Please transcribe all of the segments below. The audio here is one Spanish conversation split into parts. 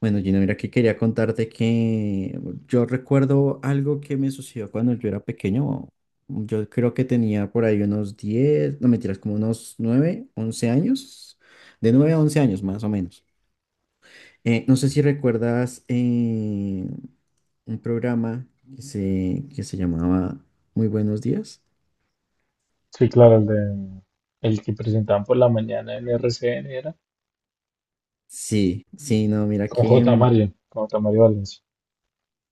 Bueno, Gino, mira que quería contarte que yo recuerdo algo que me sucedió cuando yo era pequeño. Yo creo que tenía por ahí unos 10 no mentiras, como unos 9 11 años, de 9 a 11 años más o menos. No sé si recuerdas un programa que se llamaba Muy Buenos Días. Sí, claro, el de el que presentaban por la mañana en RCN era Sí, sí, no, mira con que... J. Mario, con J. Mario Valencia.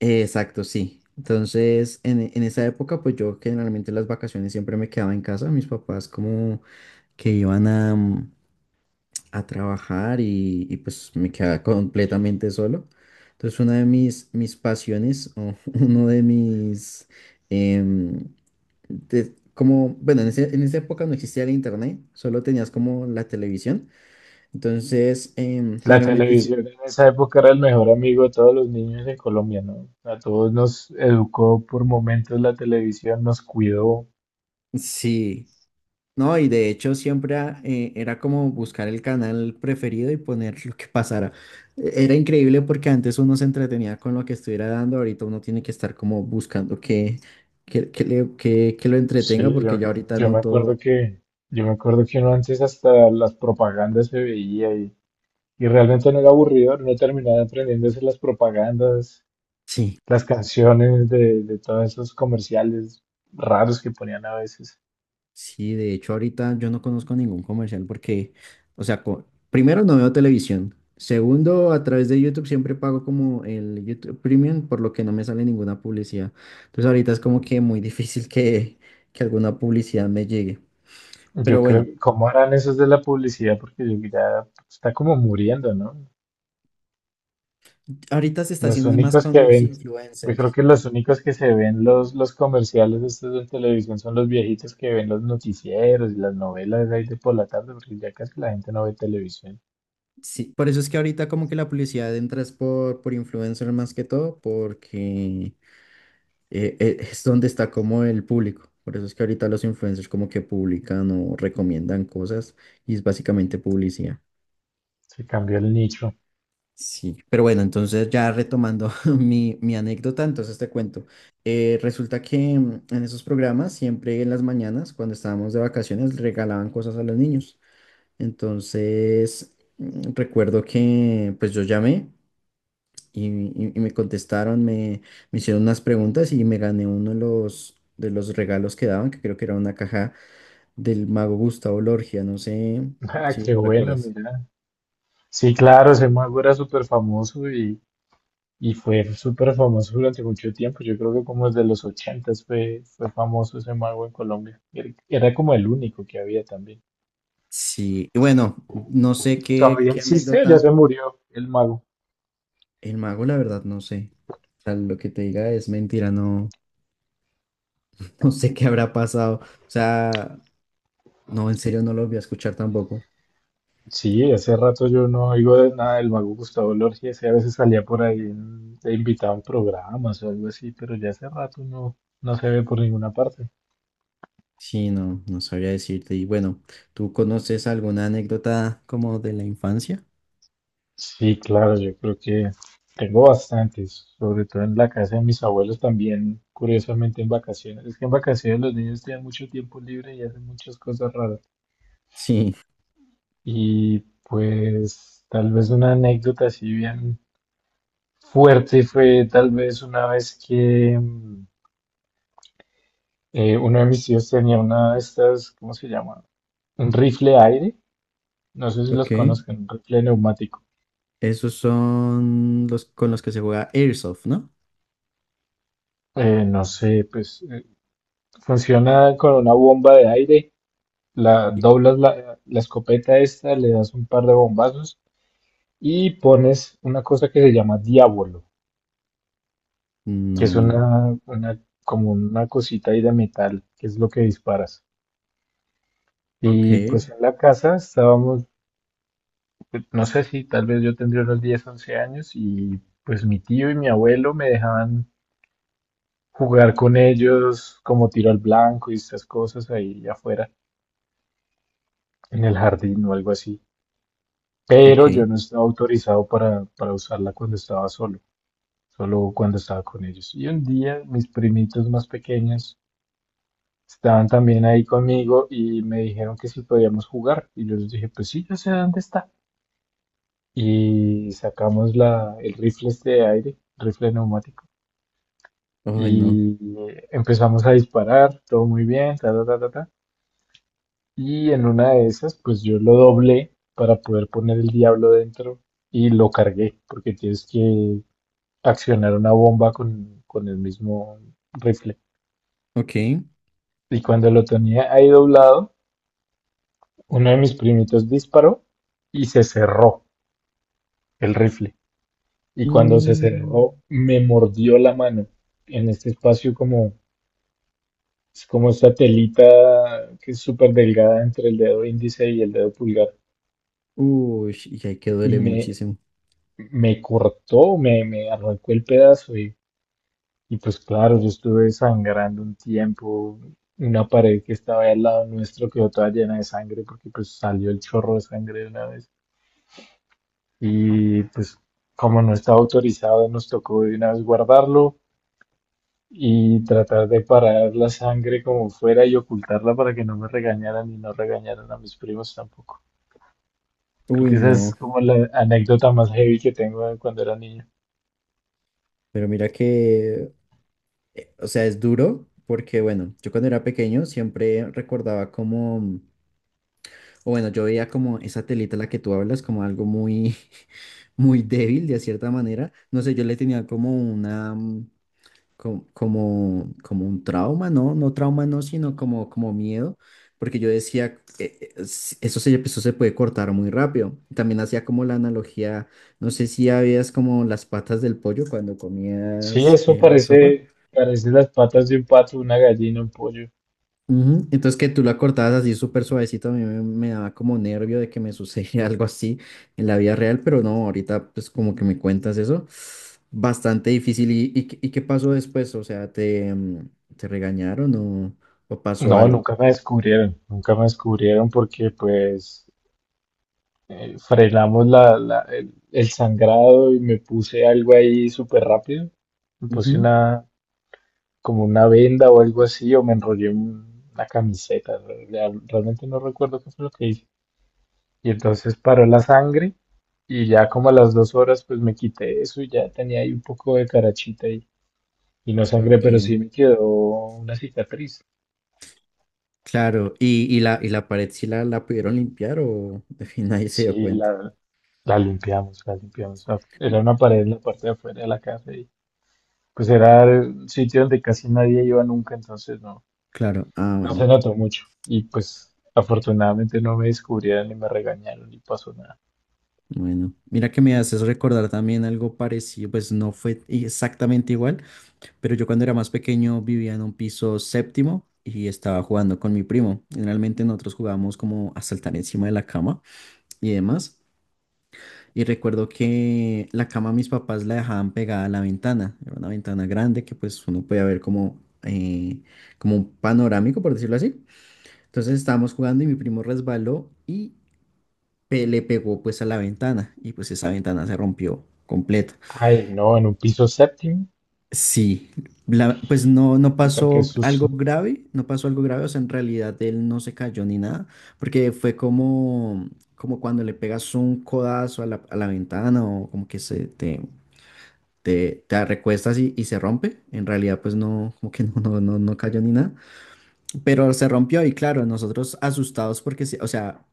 Exacto, sí. Entonces, en esa época, pues yo generalmente las vacaciones siempre me quedaba en casa. Mis papás como que iban a, a trabajar y, pues me quedaba completamente solo. Entonces una de mis pasiones o uno de mis... em, como, bueno, en esa época no existía el internet, solo tenías como la televisión. Entonces, La generalmente... Sí, televisión en esa época era el mejor amigo de todos los niños en Colombia, ¿no? A todos nos educó por momentos la televisión, nos cuidó. sí, no, y de hecho siempre era como buscar el canal preferido y poner lo que pasara. Era increíble porque antes uno se entretenía con lo que estuviera dando, ahorita uno tiene que estar como buscando que que lo entretenga Sí, porque yo, ya ahorita yo no me acuerdo todo, que uno antes hasta las propagandas se veía y realmente no era aburrido, no terminaba aprendiéndose las propagandas, sí. las canciones de todos esos comerciales raros que ponían a veces. Sí, de hecho ahorita yo no conozco ningún comercial porque, o sea, primero no veo televisión, segundo a través de YouTube siempre pago como el YouTube Premium por lo que no me sale ninguna publicidad. Entonces ahorita es como que muy difícil que alguna publicidad me llegue. Yo Pero bueno, creo, ¿cómo harán esos de la publicidad? Porque yo- ya está como muriendo, ¿no? ahorita se está Los haciendo es más únicos con que los ven, Yo creo influencers. que los únicos que se ven los comerciales estos de televisión son los viejitos que ven los noticieros y las novelas ahí de por la tarde, porque ya casi la gente no ve televisión. Sí, por eso es que ahorita como que la publicidad entra es por influencer más que todo porque es donde está como el público. Por eso es que ahorita los influencers como que publican o recomiendan cosas y es básicamente publicidad. Se cambió el nicho. Sí, pero bueno, entonces ya retomando mi anécdota, entonces te cuento. Resulta que en esos programas, siempre en las mañanas, cuando estábamos de vacaciones, regalaban cosas a los niños. Entonces, recuerdo que pues yo llamé y, y me contestaron, me hicieron unas preguntas y me gané uno de los regalos que daban, que creo que era una caja del mago Gustavo Lorgia, no sé Ah, si qué lo bueno, recuerdas. mira. Sí, claro, se mueve súper famoso. Y fue súper famoso durante mucho tiempo. Yo creo que como desde los ochentas fue famoso ese mago en Colombia. Era como el único que había también. Sí, y bueno, no sé qué, ¿Todavía qué existe o ya anécdota. se murió el mago? El mago, la verdad, no sé. O sea, lo que te diga es mentira, no, no sé qué habrá pasado. O sea, no, en serio no lo voy a escuchar tampoco. Sí, hace rato yo no oigo de nada del mago Gustavo Lorgia. Ese a veces salía por ahí en- de invitado programas o algo así, pero ya hace rato no, no se ve por ninguna parte. Sí, no, no sabría decirte. Y bueno, ¿tú conoces alguna anécdota como de la infancia? Sí, claro, yo creo que tengo bastantes, sobre todo en la casa de mis abuelos también, curiosamente en vacaciones. Es que en vacaciones los niños tienen mucho tiempo libre y hacen muchas cosas raras. Sí. Y pues tal vez una anécdota así bien fuerte fue tal vez una vez que uno de mis tíos tenía una de estas, ¿cómo se llama? Un rifle aire, no sé si los Ok, conocen, un rifle neumático. esos son los con los que se juega Airsoft, ¿no? No sé, pues funciona con una bomba de aire. La, Y- doblas la, la escopeta esta, le das un par de bombazos y pones una cosa que se llama diablo, que No, es no. Una, como una cosita ahí de metal, que es lo que disparas. Ok, Y pues en la casa estábamos, no sé si tal vez yo tendría unos 10 11 años y pues mi tío y mi abuelo me dejaban jugar con ellos como tiro al blanco y estas cosas ahí afuera, en el jardín o algo así. Pero ok. yo no estaba autorizado para usarla cuando estaba solo. Solo cuando estaba con ellos. Y un día mis primitos más pequeños estaban también ahí conmigo y me dijeron que si podíamos jugar. Y yo les dije, pues sí, yo sé dónde está. Y sacamos la, el rifle este de aire, rifle neumático. Ay, no. Y empezamos a disparar, todo muy bien, ta, ta, ta, ta, ta. Y en una de esas, pues yo lo doblé para poder poner el diablo dentro y lo cargué, porque tienes que accionar una bomba con el mismo rifle. Ok. Y cuando lo tenía ahí doblado, uno de mis primitos disparó y se cerró el rifle. Y cuando se cerró, Mm, me mordió la mano en este espacio como, es como esta telita que es súper delgada entre el dedo índice y el dedo pulgar. uy, y ahí que duele Y muchísimo. me cortó, me arrancó el pedazo y pues claro, yo estuve sangrando un tiempo. Una pared que estaba ahí al lado nuestro quedó toda llena de sangre porque pues salió el chorro de sangre de una vez. Y pues como no estaba autorizado nos tocó de una vez guardarlo y tratar de parar la sangre como fuera y ocultarla para que no me regañaran y no regañaran a mis primos tampoco. Creo Uy, que esa no. es como la anécdota más heavy que tengo de cuando era niño. Pero mira que, o sea, es duro porque, bueno, yo cuando era pequeño siempre recordaba como, o bueno, yo veía como esa telita a la que tú hablas como algo muy, muy débil de cierta manera. No sé, yo le tenía como una como un trauma, ¿no? No trauma, no, sino como, como miedo, porque yo decía, eso se puede cortar muy rápido. También hacía como la analogía, no sé si habías como las patas del pollo cuando Sí, comías eso sopa. parece, parece las patas de un pato, una gallina, un pollo. Ujú. Entonces que tú la cortabas así súper suavecito, a mí me, me daba como nervio de que me sucediera algo así en la vida real, pero no, ahorita pues como que me cuentas eso, bastante difícil. ¿Y, qué y qué pasó después? O sea, ¿te, te regañaron o pasó No, algo? nunca me descubrieron, nunca me descubrieron porque pues frenamos el sangrado y me puse algo ahí súper rápido. Me puse Ujú. una, Como una venda o algo así, o me enrollé un- una camiseta. Real- Realmente no recuerdo qué fue lo que hice. Y entonces paró la sangre y ya como a las dos horas pues me quité eso y ya tenía ahí un poco de carachita y no sangré, pero Ok, sí me quedó una cicatriz. claro. ¿Y, y la pared sí la pudieron limpiar o de fin nadie se dio Sí, cuenta? La limpiamos, la limpiamos. Era una pared en la parte de afuera de la casa y pues era el sitio donde casi nadie iba nunca, entonces no, Claro, ah, no bueno, se notó mucho. Y pues afortunadamente no me descubrieron ni me regañaron ni pasó nada. bueno. Mira que me haces recordar también algo parecido, pues no fue exactamente igual. Pero yo cuando era más pequeño vivía en un piso séptimo y estaba jugando con mi primo. Generalmente nosotros jugábamos como a saltar encima de la cama y demás. Y recuerdo que la cama mis papás la dejaban pegada a la ventana. Era una ventana grande que pues uno podía ver como, como un panorámico, por decirlo así. Entonces estábamos jugando y mi primo resbaló y le pegó pues a la ventana. Y pues esa ventana se rompió completa. Ay, no, en un piso séptimo, Sí, pues no, no puta, qué pasó algo susto. grave, no pasó algo grave, o sea, en realidad él no se cayó ni nada, porque fue como, como cuando le pegas un codazo a la ventana o como que se te recuestas y se rompe, en realidad pues no, como que no, no, no, no cayó ni nada, pero se rompió y claro, nosotros asustados porque, sí, o sea,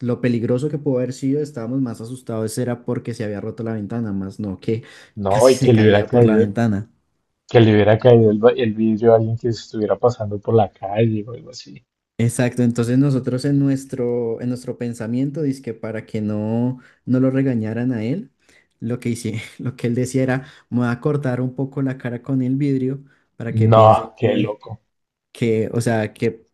lo peligroso que pudo haber sido, estábamos más asustados era porque se había roto la ventana, más no que casi No, y se que le hubiera caía por la caído, ventana. que le hubiera caído el, va- el vidrio a alguien que estuviera pasando por la calle o algo así. Exacto, entonces nosotros en en nuestro pensamiento, dizque para que no, no lo regañaran a él, lo que hice, lo que él decía era, me voy a cortar un poco la cara con el vidrio para que piensen No, qué loco. que, o sea, que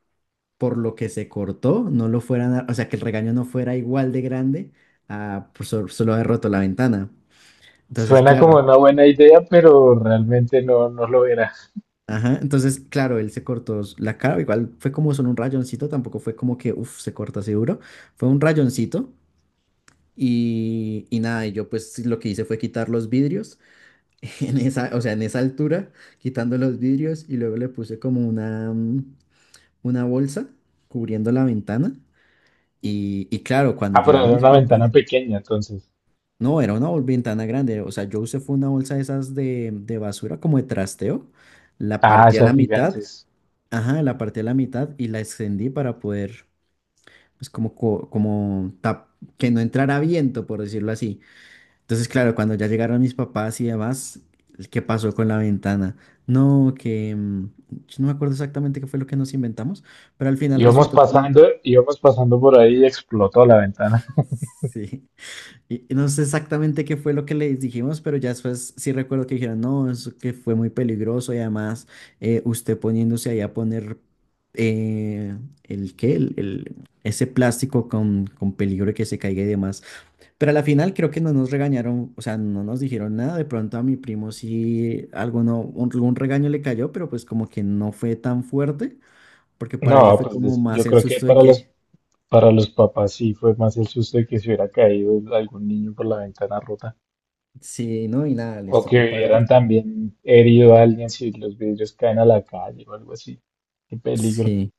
por lo que se cortó, no lo fueran o sea, que el regaño no fuera igual de grande a por solo haber roto la ventana. Entonces, Suena como claro, una buena idea, pero realmente no, no lo era. ajá, entonces, claro, él se cortó la cara, igual fue como solo un rayoncito, tampoco fue como que, uff, se corta seguro, fue un rayoncito. Y nada, y yo pues sí, lo que hice fue quitar los vidrios, en esa, o sea, en esa altura, quitando los vidrios y luego le puse como una, una bolsa cubriendo la ventana. Y claro, cuando Ah, pero llegaron era mis una ventana papás, pequeña, entonces. no, era una ventana grande, o sea, yo usé fue una bolsa de esas de basura, como de trasteo, la Ah, partí a la esas mitad, gigantes. ajá, la partí a la mitad y la extendí para poder, pues como, como que no entrara viento, por decirlo así. Entonces, claro, cuando ya llegaron mis papás y demás, ¿qué pasó con la ventana? No, que yo no me acuerdo exactamente qué fue lo que nos inventamos, pero al final resultó como, Íbamos pasando por ahí y explotó la ventana. sí, y no sé exactamente qué fue lo que les dijimos, pero ya después sí recuerdo que dijeron, no, eso que fue muy peligroso y además usted poniéndose ahí a poner eh, el qué, el- ese plástico con peligro de que se caiga y demás. Pero a la final creo que no nos regañaron, o sea, no nos dijeron nada. De pronto a mi primo sí alguno, algún regaño le cayó, pero pues como que no fue tan fuerte, porque para ellos No, fue pues como des- yo más el creo que susto de para que para los papás sí fue más el susto de que se hubiera caído algún niño por la ventana rota. sí, no, y nada, les O que tocó pagar. hubieran también herido a alguien si los vidrios caen a la calle o algo así. Qué peligro. Sí.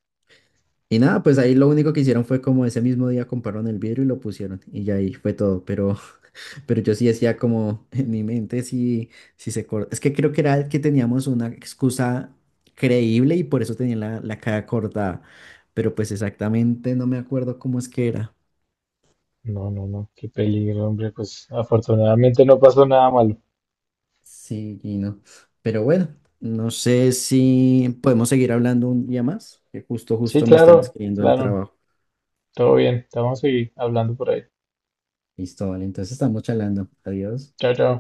Y nada, pues ahí lo único que hicieron fue como ese mismo día compraron el vidrio y lo pusieron, y ya ahí fue todo. Pero yo sí decía como en mi mente sí, sí se corta. Es que creo que era que teníamos una excusa creíble y por eso tenía la, la cara cortada. Pero pues exactamente no me acuerdo cómo es que era. No, no, no, qué peligro, hombre. Pues afortunadamente no pasó nada malo. Sí, Gino. Pero bueno, no sé si podemos seguir hablando un día más, que justo, Sí, justo me están claro, escribiendo el claro. trabajo. Todo bien. Te vamos a seguir hablando por ahí. Listo, vale. Entonces estamos charlando. Adiós. Chao, chao.